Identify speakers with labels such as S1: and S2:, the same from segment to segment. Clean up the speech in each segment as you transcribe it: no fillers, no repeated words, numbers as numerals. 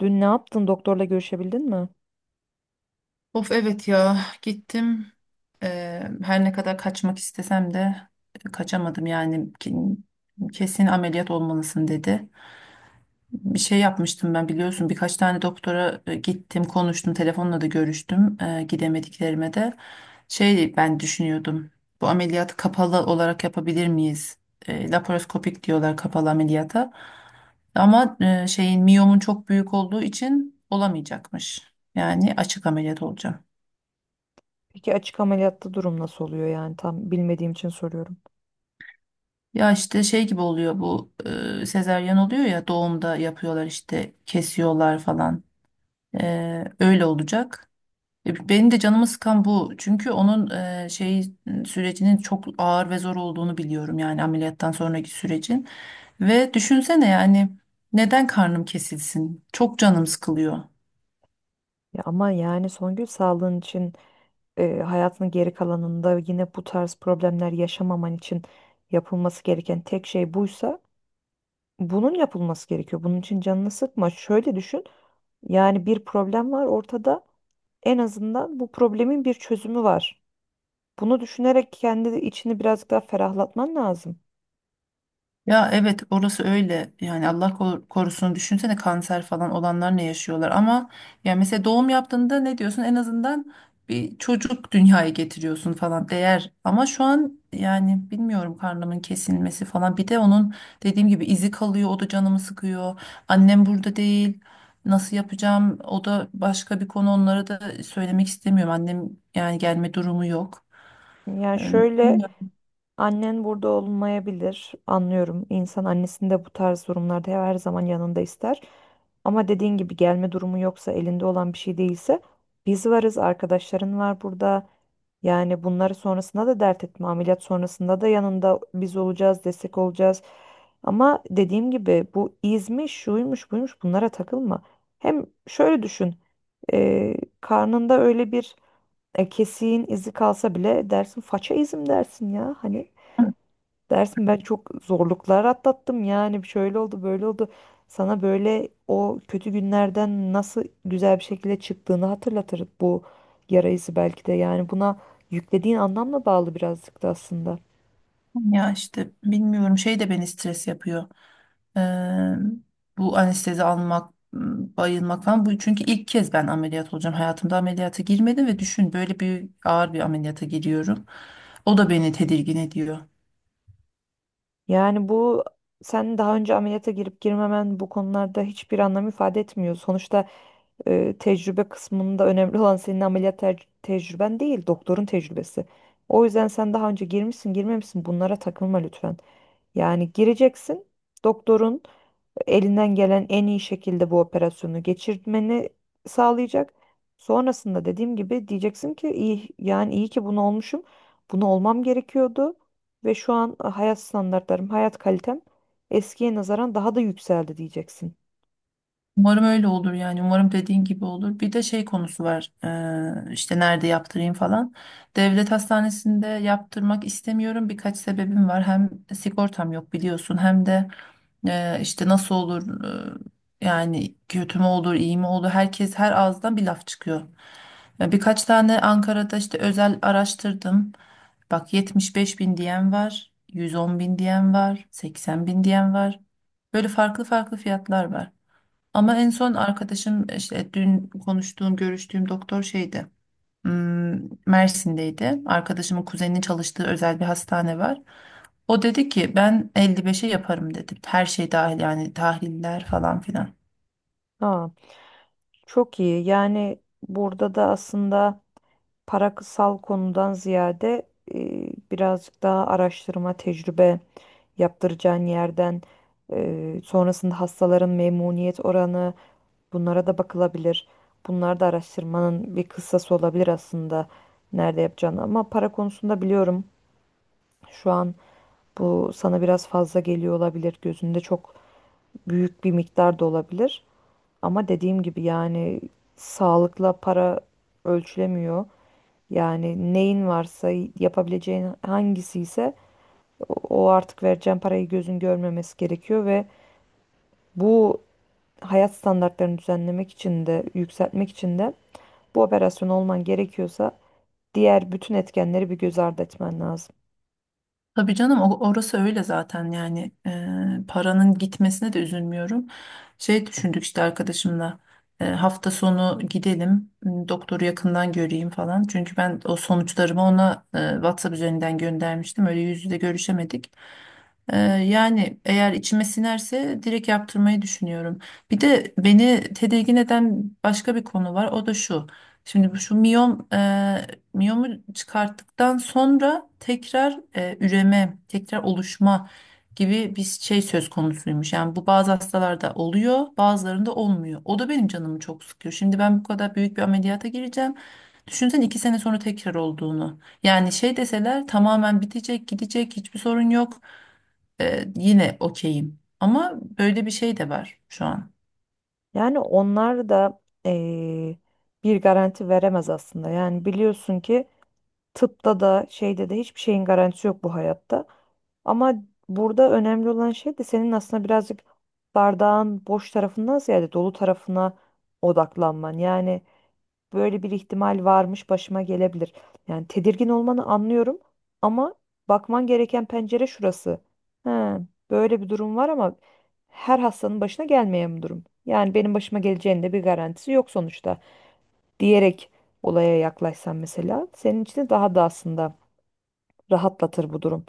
S1: Dün ne yaptın? Doktorla görüşebildin mi?
S2: Of evet ya gittim. Her ne kadar kaçmak istesem de kaçamadım yani kesin ameliyat olmalısın dedi. Bir şey yapmıştım ben biliyorsun, birkaç tane doktora gittim, konuştum, telefonla da görüştüm gidemediklerime de. Şey, ben düşünüyordum, bu ameliyatı kapalı olarak yapabilir miyiz? Laparoskopik diyorlar kapalı ameliyata, ama e, şeyin miyomun çok büyük olduğu için olamayacakmış. Yani açık ameliyat olacağım.
S1: Peki açık ameliyatta durum nasıl oluyor yani? Tam bilmediğim için soruyorum.
S2: Ya işte şey gibi oluyor bu, sezaryen oluyor ya doğumda, yapıyorlar işte, kesiyorlar falan. Öyle olacak. Benim de canımı sıkan bu. Çünkü onun e, şey sürecinin çok ağır ve zor olduğunu biliyorum, yani ameliyattan sonraki sürecin. Ve düşünsene yani, neden karnım kesilsin? Çok canım sıkılıyor.
S1: Ya ama yani Songül sağlığın için hayatının geri kalanında yine bu tarz problemler yaşamaman için yapılması gereken tek şey buysa bunun yapılması gerekiyor. Bunun için canını sıkma. Şöyle düşün. Yani bir problem var ortada. En azından bu problemin bir çözümü var. Bunu düşünerek kendi içini birazcık daha ferahlatman lazım.
S2: Ya evet, orası öyle yani. Allah korusun, düşünsene kanser falan olanlar ne yaşıyorlar. Ama ya mesela doğum yaptığında ne diyorsun, en azından bir çocuk dünyaya getiriyorsun falan, değer. Ama şu an yani bilmiyorum, karnımın kesilmesi falan, bir de onun dediğim gibi izi kalıyor, o da canımı sıkıyor. Annem burada değil, nasıl yapacağım, o da başka bir konu. Onlara da söylemek istemiyorum, annem yani gelme durumu yok.
S1: Yani
S2: Ee,
S1: şöyle.
S2: Bilmiyorum.
S1: Annen burada olmayabilir, anlıyorum. İnsan annesini de bu tarz durumlarda her zaman yanında ister. Ama dediğin gibi gelme durumu yoksa, elinde olan bir şey değilse biz varız, arkadaşların var burada. Yani bunları sonrasında da dert etme, ameliyat sonrasında da yanında biz olacağız, destek olacağız. Ama dediğim gibi bu izmiş, şuymuş, buymuş bunlara takılma. Hem şöyle düşün, e, karnında öyle bir kesiğin izi kalsa bile dersin faça izim dersin ya hani. Dersin ben çok zorluklar atlattım yani şöyle oldu böyle oldu. Sana böyle o kötü günlerden nasıl güzel bir şekilde çıktığını hatırlatır bu yara izi belki de. Yani buna yüklediğin anlamla bağlı birazcık da aslında.
S2: Ya işte bilmiyorum, şey de beni stres yapıyor. Eee, Bu anestezi almak, bayılmak falan. Bu çünkü ilk kez ben ameliyat olacağım. Hayatımda ameliyata girmedim ve düşün, böyle bir ağır bir ameliyata giriyorum. O da beni tedirgin ediyor.
S1: Yani bu, sen daha önce ameliyata girip girmemen bu konularda hiçbir anlam ifade etmiyor. Sonuçta tecrübe kısmında önemli olan senin ameliyat tecrüben değil, doktorun tecrübesi. O yüzden sen daha önce girmişsin, girmemişsin bunlara takılma lütfen. Yani gireceksin, doktorun elinden gelen en iyi şekilde bu operasyonu geçirmeni sağlayacak. Sonrasında dediğim gibi diyeceksin ki iyi yani iyi ki bunu olmuşum. Bunu olmam gerekiyordu ve şu an hayat standartlarım, hayat kalitem eskiye nazaran daha da yükseldi diyeceksin.
S2: Umarım öyle olur yani. Umarım dediğin gibi olur. Bir de şey konusu var. İşte nerede yaptırayım falan. Devlet hastanesinde yaptırmak istemiyorum. Birkaç sebebim var. Hem sigortam yok biliyorsun. Hem de işte nasıl olur, yani kötü mü olur, iyi mi olur? Herkes her ağızdan bir laf çıkıyor. Birkaç tane Ankara'da işte özel araştırdım. Bak, 75 bin diyen var, 110 bin diyen var, 80 bin diyen var. Böyle farklı farklı fiyatlar var. Ama en
S1: Hmm.
S2: son arkadaşım işte, dün konuştuğum, görüştüğüm doktor şeydi, hmm, Mersin'deydi. Arkadaşımın kuzeninin çalıştığı özel bir hastane var. O dedi ki ben 55'e yaparım dedi. Her şey dahil, yani tahliller falan filan.
S1: Ha. Çok iyi. Yani burada da aslında parasal konudan ziyade birazcık daha araştırma, tecrübe yaptıracağın yerden sonrasında hastaların memnuniyet oranı, bunlara da bakılabilir. Bunlar da araştırmanın bir kıssası olabilir aslında nerede yapacağını. Ama para konusunda biliyorum, şu an bu sana biraz fazla geliyor olabilir. Gözünde çok büyük bir miktar da olabilir. Ama dediğim gibi yani sağlıkla para ölçülemiyor. Yani neyin varsa, yapabileceğin hangisi ise o, artık vereceğin parayı gözün görmemesi gerekiyor ve bu hayat standartlarını düzenlemek için de yükseltmek için de bu operasyon olman gerekiyorsa diğer bütün etkenleri bir göz ardı etmen lazım.
S2: Tabii canım, orası öyle zaten yani. Paranın gitmesine de üzülmüyorum. Şey düşündük işte arkadaşımla, hafta sonu gidelim, doktoru yakından göreyim falan. Çünkü ben o sonuçlarımı ona WhatsApp üzerinden göndermiştim, öyle yüz yüze görüşemedik. Yani eğer içime sinerse direkt yaptırmayı düşünüyorum. Bir de beni tedirgin eden başka bir konu var, o da şu. Şimdi şu miyomu çıkarttıktan sonra tekrar üreme, tekrar oluşma gibi bir şey söz konusuymuş. Yani bu bazı hastalarda oluyor, bazılarında olmuyor. O da benim canımı çok sıkıyor. Şimdi ben bu kadar büyük bir ameliyata gireceğim. Düşünsen 2 sene sonra tekrar olduğunu. Yani şey deseler, tamamen bitecek, gidecek, hiçbir sorun yok. Yine okeyim. Ama böyle bir şey de var şu an.
S1: Yani onlar da bir garanti veremez aslında. Yani biliyorsun ki tıpta da şeyde de hiçbir şeyin garantisi yok bu hayatta. Ama burada önemli olan şey de senin aslında birazcık bardağın boş tarafından ziyade dolu tarafına odaklanman. Yani böyle bir ihtimal varmış, başıma gelebilir. Yani tedirgin olmanı anlıyorum ama bakman gereken pencere şurası. Ha, böyle bir durum var ama her hastanın başına gelmeyen bir durum. Yani benim başıma geleceğinin de bir garantisi yok sonuçta diyerek olaya yaklaşsan mesela senin için de daha da aslında rahatlatır bu durum.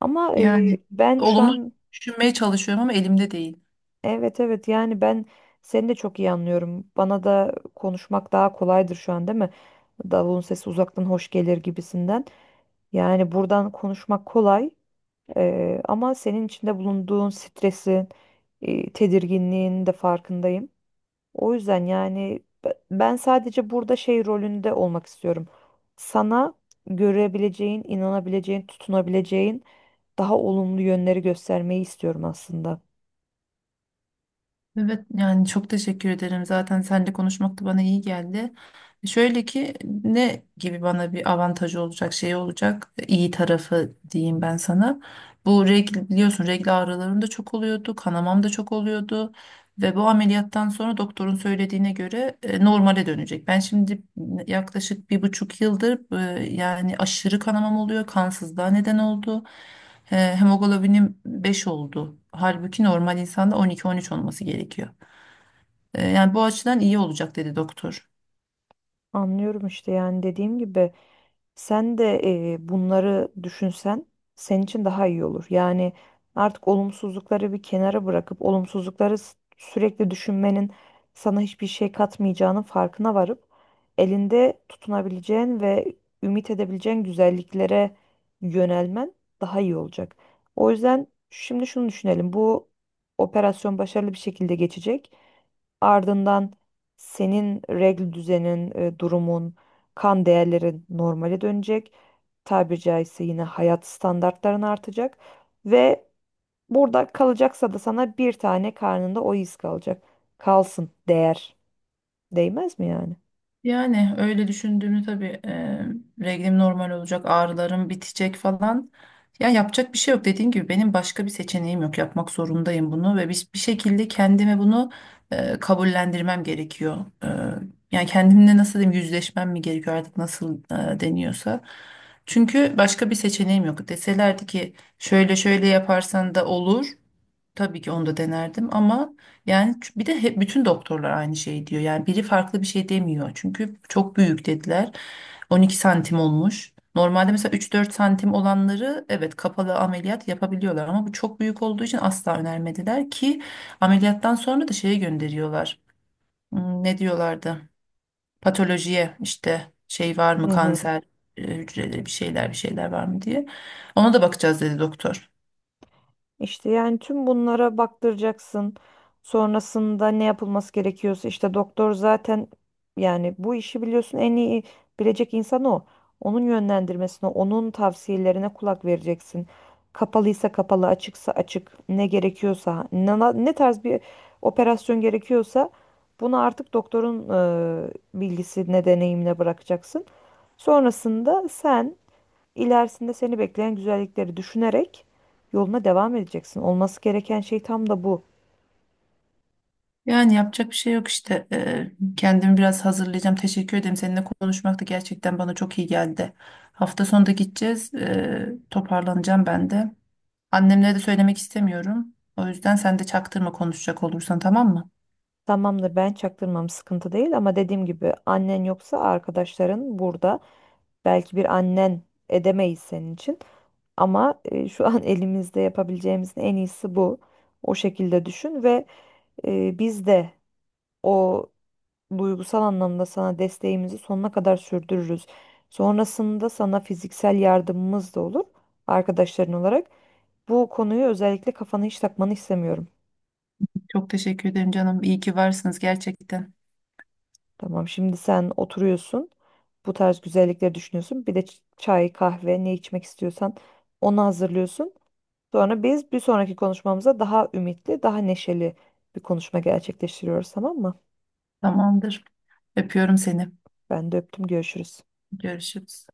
S1: Ama
S2: Yani
S1: ben şu
S2: olumlu
S1: an
S2: düşünmeye çalışıyorum ama elimde değil.
S1: evet evet yani ben seni de çok iyi anlıyorum. Bana da konuşmak daha kolaydır şu an değil mi? Davulun sesi uzaktan hoş gelir gibisinden. Yani buradan konuşmak kolay ama senin içinde bulunduğun stresin, tedirginliğin de farkındayım. O yüzden yani ben sadece burada şey rolünde olmak istiyorum. Sana görebileceğin, inanabileceğin, tutunabileceğin daha olumlu yönleri göstermeyi istiyorum aslında.
S2: Evet yani, çok teşekkür ederim. Zaten seninle konuşmak da bana iyi geldi. Şöyle ki, ne gibi bana bir avantajı olacak, şey olacak, iyi tarafı diyeyim ben sana. Bu regl biliyorsun, regl ağrılarım da çok oluyordu, kanamam da çok oluyordu. Ve bu ameliyattan sonra doktorun söylediğine göre normale dönecek. Ben şimdi yaklaşık 1,5 yıldır yani aşırı kanamam oluyor. Kansızlığa neden oldu. Hemoglobinim 5 oldu. Halbuki normal insanda 12-13 olması gerekiyor. Yani bu açıdan iyi olacak dedi doktor.
S1: Anlıyorum işte yani dediğim gibi. Sen de bunları düşünsen senin için daha iyi olur. Yani artık olumsuzlukları bir kenara bırakıp olumsuzlukları sürekli düşünmenin sana hiçbir şey katmayacağının farkına varıp elinde tutunabileceğin ve ümit edebileceğin güzelliklere yönelmen daha iyi olacak. O yüzden şimdi şunu düşünelim. Bu operasyon başarılı bir şekilde geçecek. Ardından senin regl düzenin, durumun, kan değerlerin normale dönecek. Tabiri caizse yine hayat standartların artacak ve burada kalacaksa da sana bir tane karnında o iz kalacak. Kalsın değer. Değmez mi yani?
S2: Yani öyle düşündüğümü tabii, reglim normal olacak, ağrılarım bitecek falan. Ya yapacak bir şey yok, dediğim gibi benim başka bir seçeneğim yok. Yapmak zorundayım bunu ve bir şekilde kendime bunu kabullendirmem gerekiyor. Yani kendimle nasıl diyeyim, yüzleşmem mi gerekiyor artık, nasıl deniyorsa. Çünkü başka bir seçeneğim yok. Deselerdi ki şöyle şöyle yaparsan da olur, tabii ki onu da denerdim. Ama yani bir de hep bütün doktorlar aynı şey diyor. Yani biri farklı bir şey demiyor. Çünkü çok büyük dediler. 12 santim olmuş. Normalde mesela 3-4 santim olanları evet, kapalı ameliyat yapabiliyorlar, ama bu çok büyük olduğu için asla önermediler ki. Ameliyattan sonra da şeye gönderiyorlar. Ne diyorlardı? Patolojiye işte, şey var mı
S1: Hı hı.
S2: kanser hücreleri, bir şeyler bir şeyler var mı diye. Ona da bakacağız dedi doktor.
S1: İşte yani tüm bunlara baktıracaksın. Sonrasında ne yapılması gerekiyorsa işte doktor zaten, yani bu işi biliyorsun, en iyi bilecek insan o. Onun yönlendirmesine, onun tavsiyelerine kulak vereceksin. Kapalıysa kapalı, açıksa açık, ne gerekiyorsa, ne, ne tarz bir operasyon gerekiyorsa bunu artık doktorun bilgisine, deneyimine bırakacaksın. Sonrasında sen İlerisinde seni bekleyen güzellikleri düşünerek yoluna devam edeceksin. Olması gereken şey tam da bu.
S2: Yani yapacak bir şey yok işte. Kendimi biraz hazırlayacağım. Teşekkür ederim. Seninle konuşmak da gerçekten bana çok iyi geldi. Hafta sonunda gideceğiz. Toparlanacağım ben de. Annemlere de söylemek istemiyorum. O yüzden sen de çaktırma konuşacak olursan, tamam mı?
S1: Tamamdır, ben çaktırmam, sıkıntı değil ama dediğim gibi annen yoksa arkadaşların burada. Belki bir annen edemeyiz senin için ama şu an elimizde yapabileceğimizin en iyisi bu. O şekilde düşün ve biz de o duygusal anlamda sana desteğimizi sonuna kadar sürdürürüz. Sonrasında sana fiziksel yardımımız da olur arkadaşların olarak. Bu konuyu özellikle kafana hiç takmanı istemiyorum.
S2: Çok teşekkür ederim canım. İyi ki varsınız gerçekten.
S1: Tamam, şimdi sen oturuyorsun. Bu tarz güzellikleri düşünüyorsun. Bir de çay, kahve ne içmek istiyorsan onu hazırlıyorsun. Sonra biz bir sonraki konuşmamıza daha ümitli, daha neşeli bir konuşma gerçekleştiriyoruz, tamam mı?
S2: Tamamdır. Öpüyorum seni.
S1: Ben de öptüm, görüşürüz.
S2: Görüşürüz.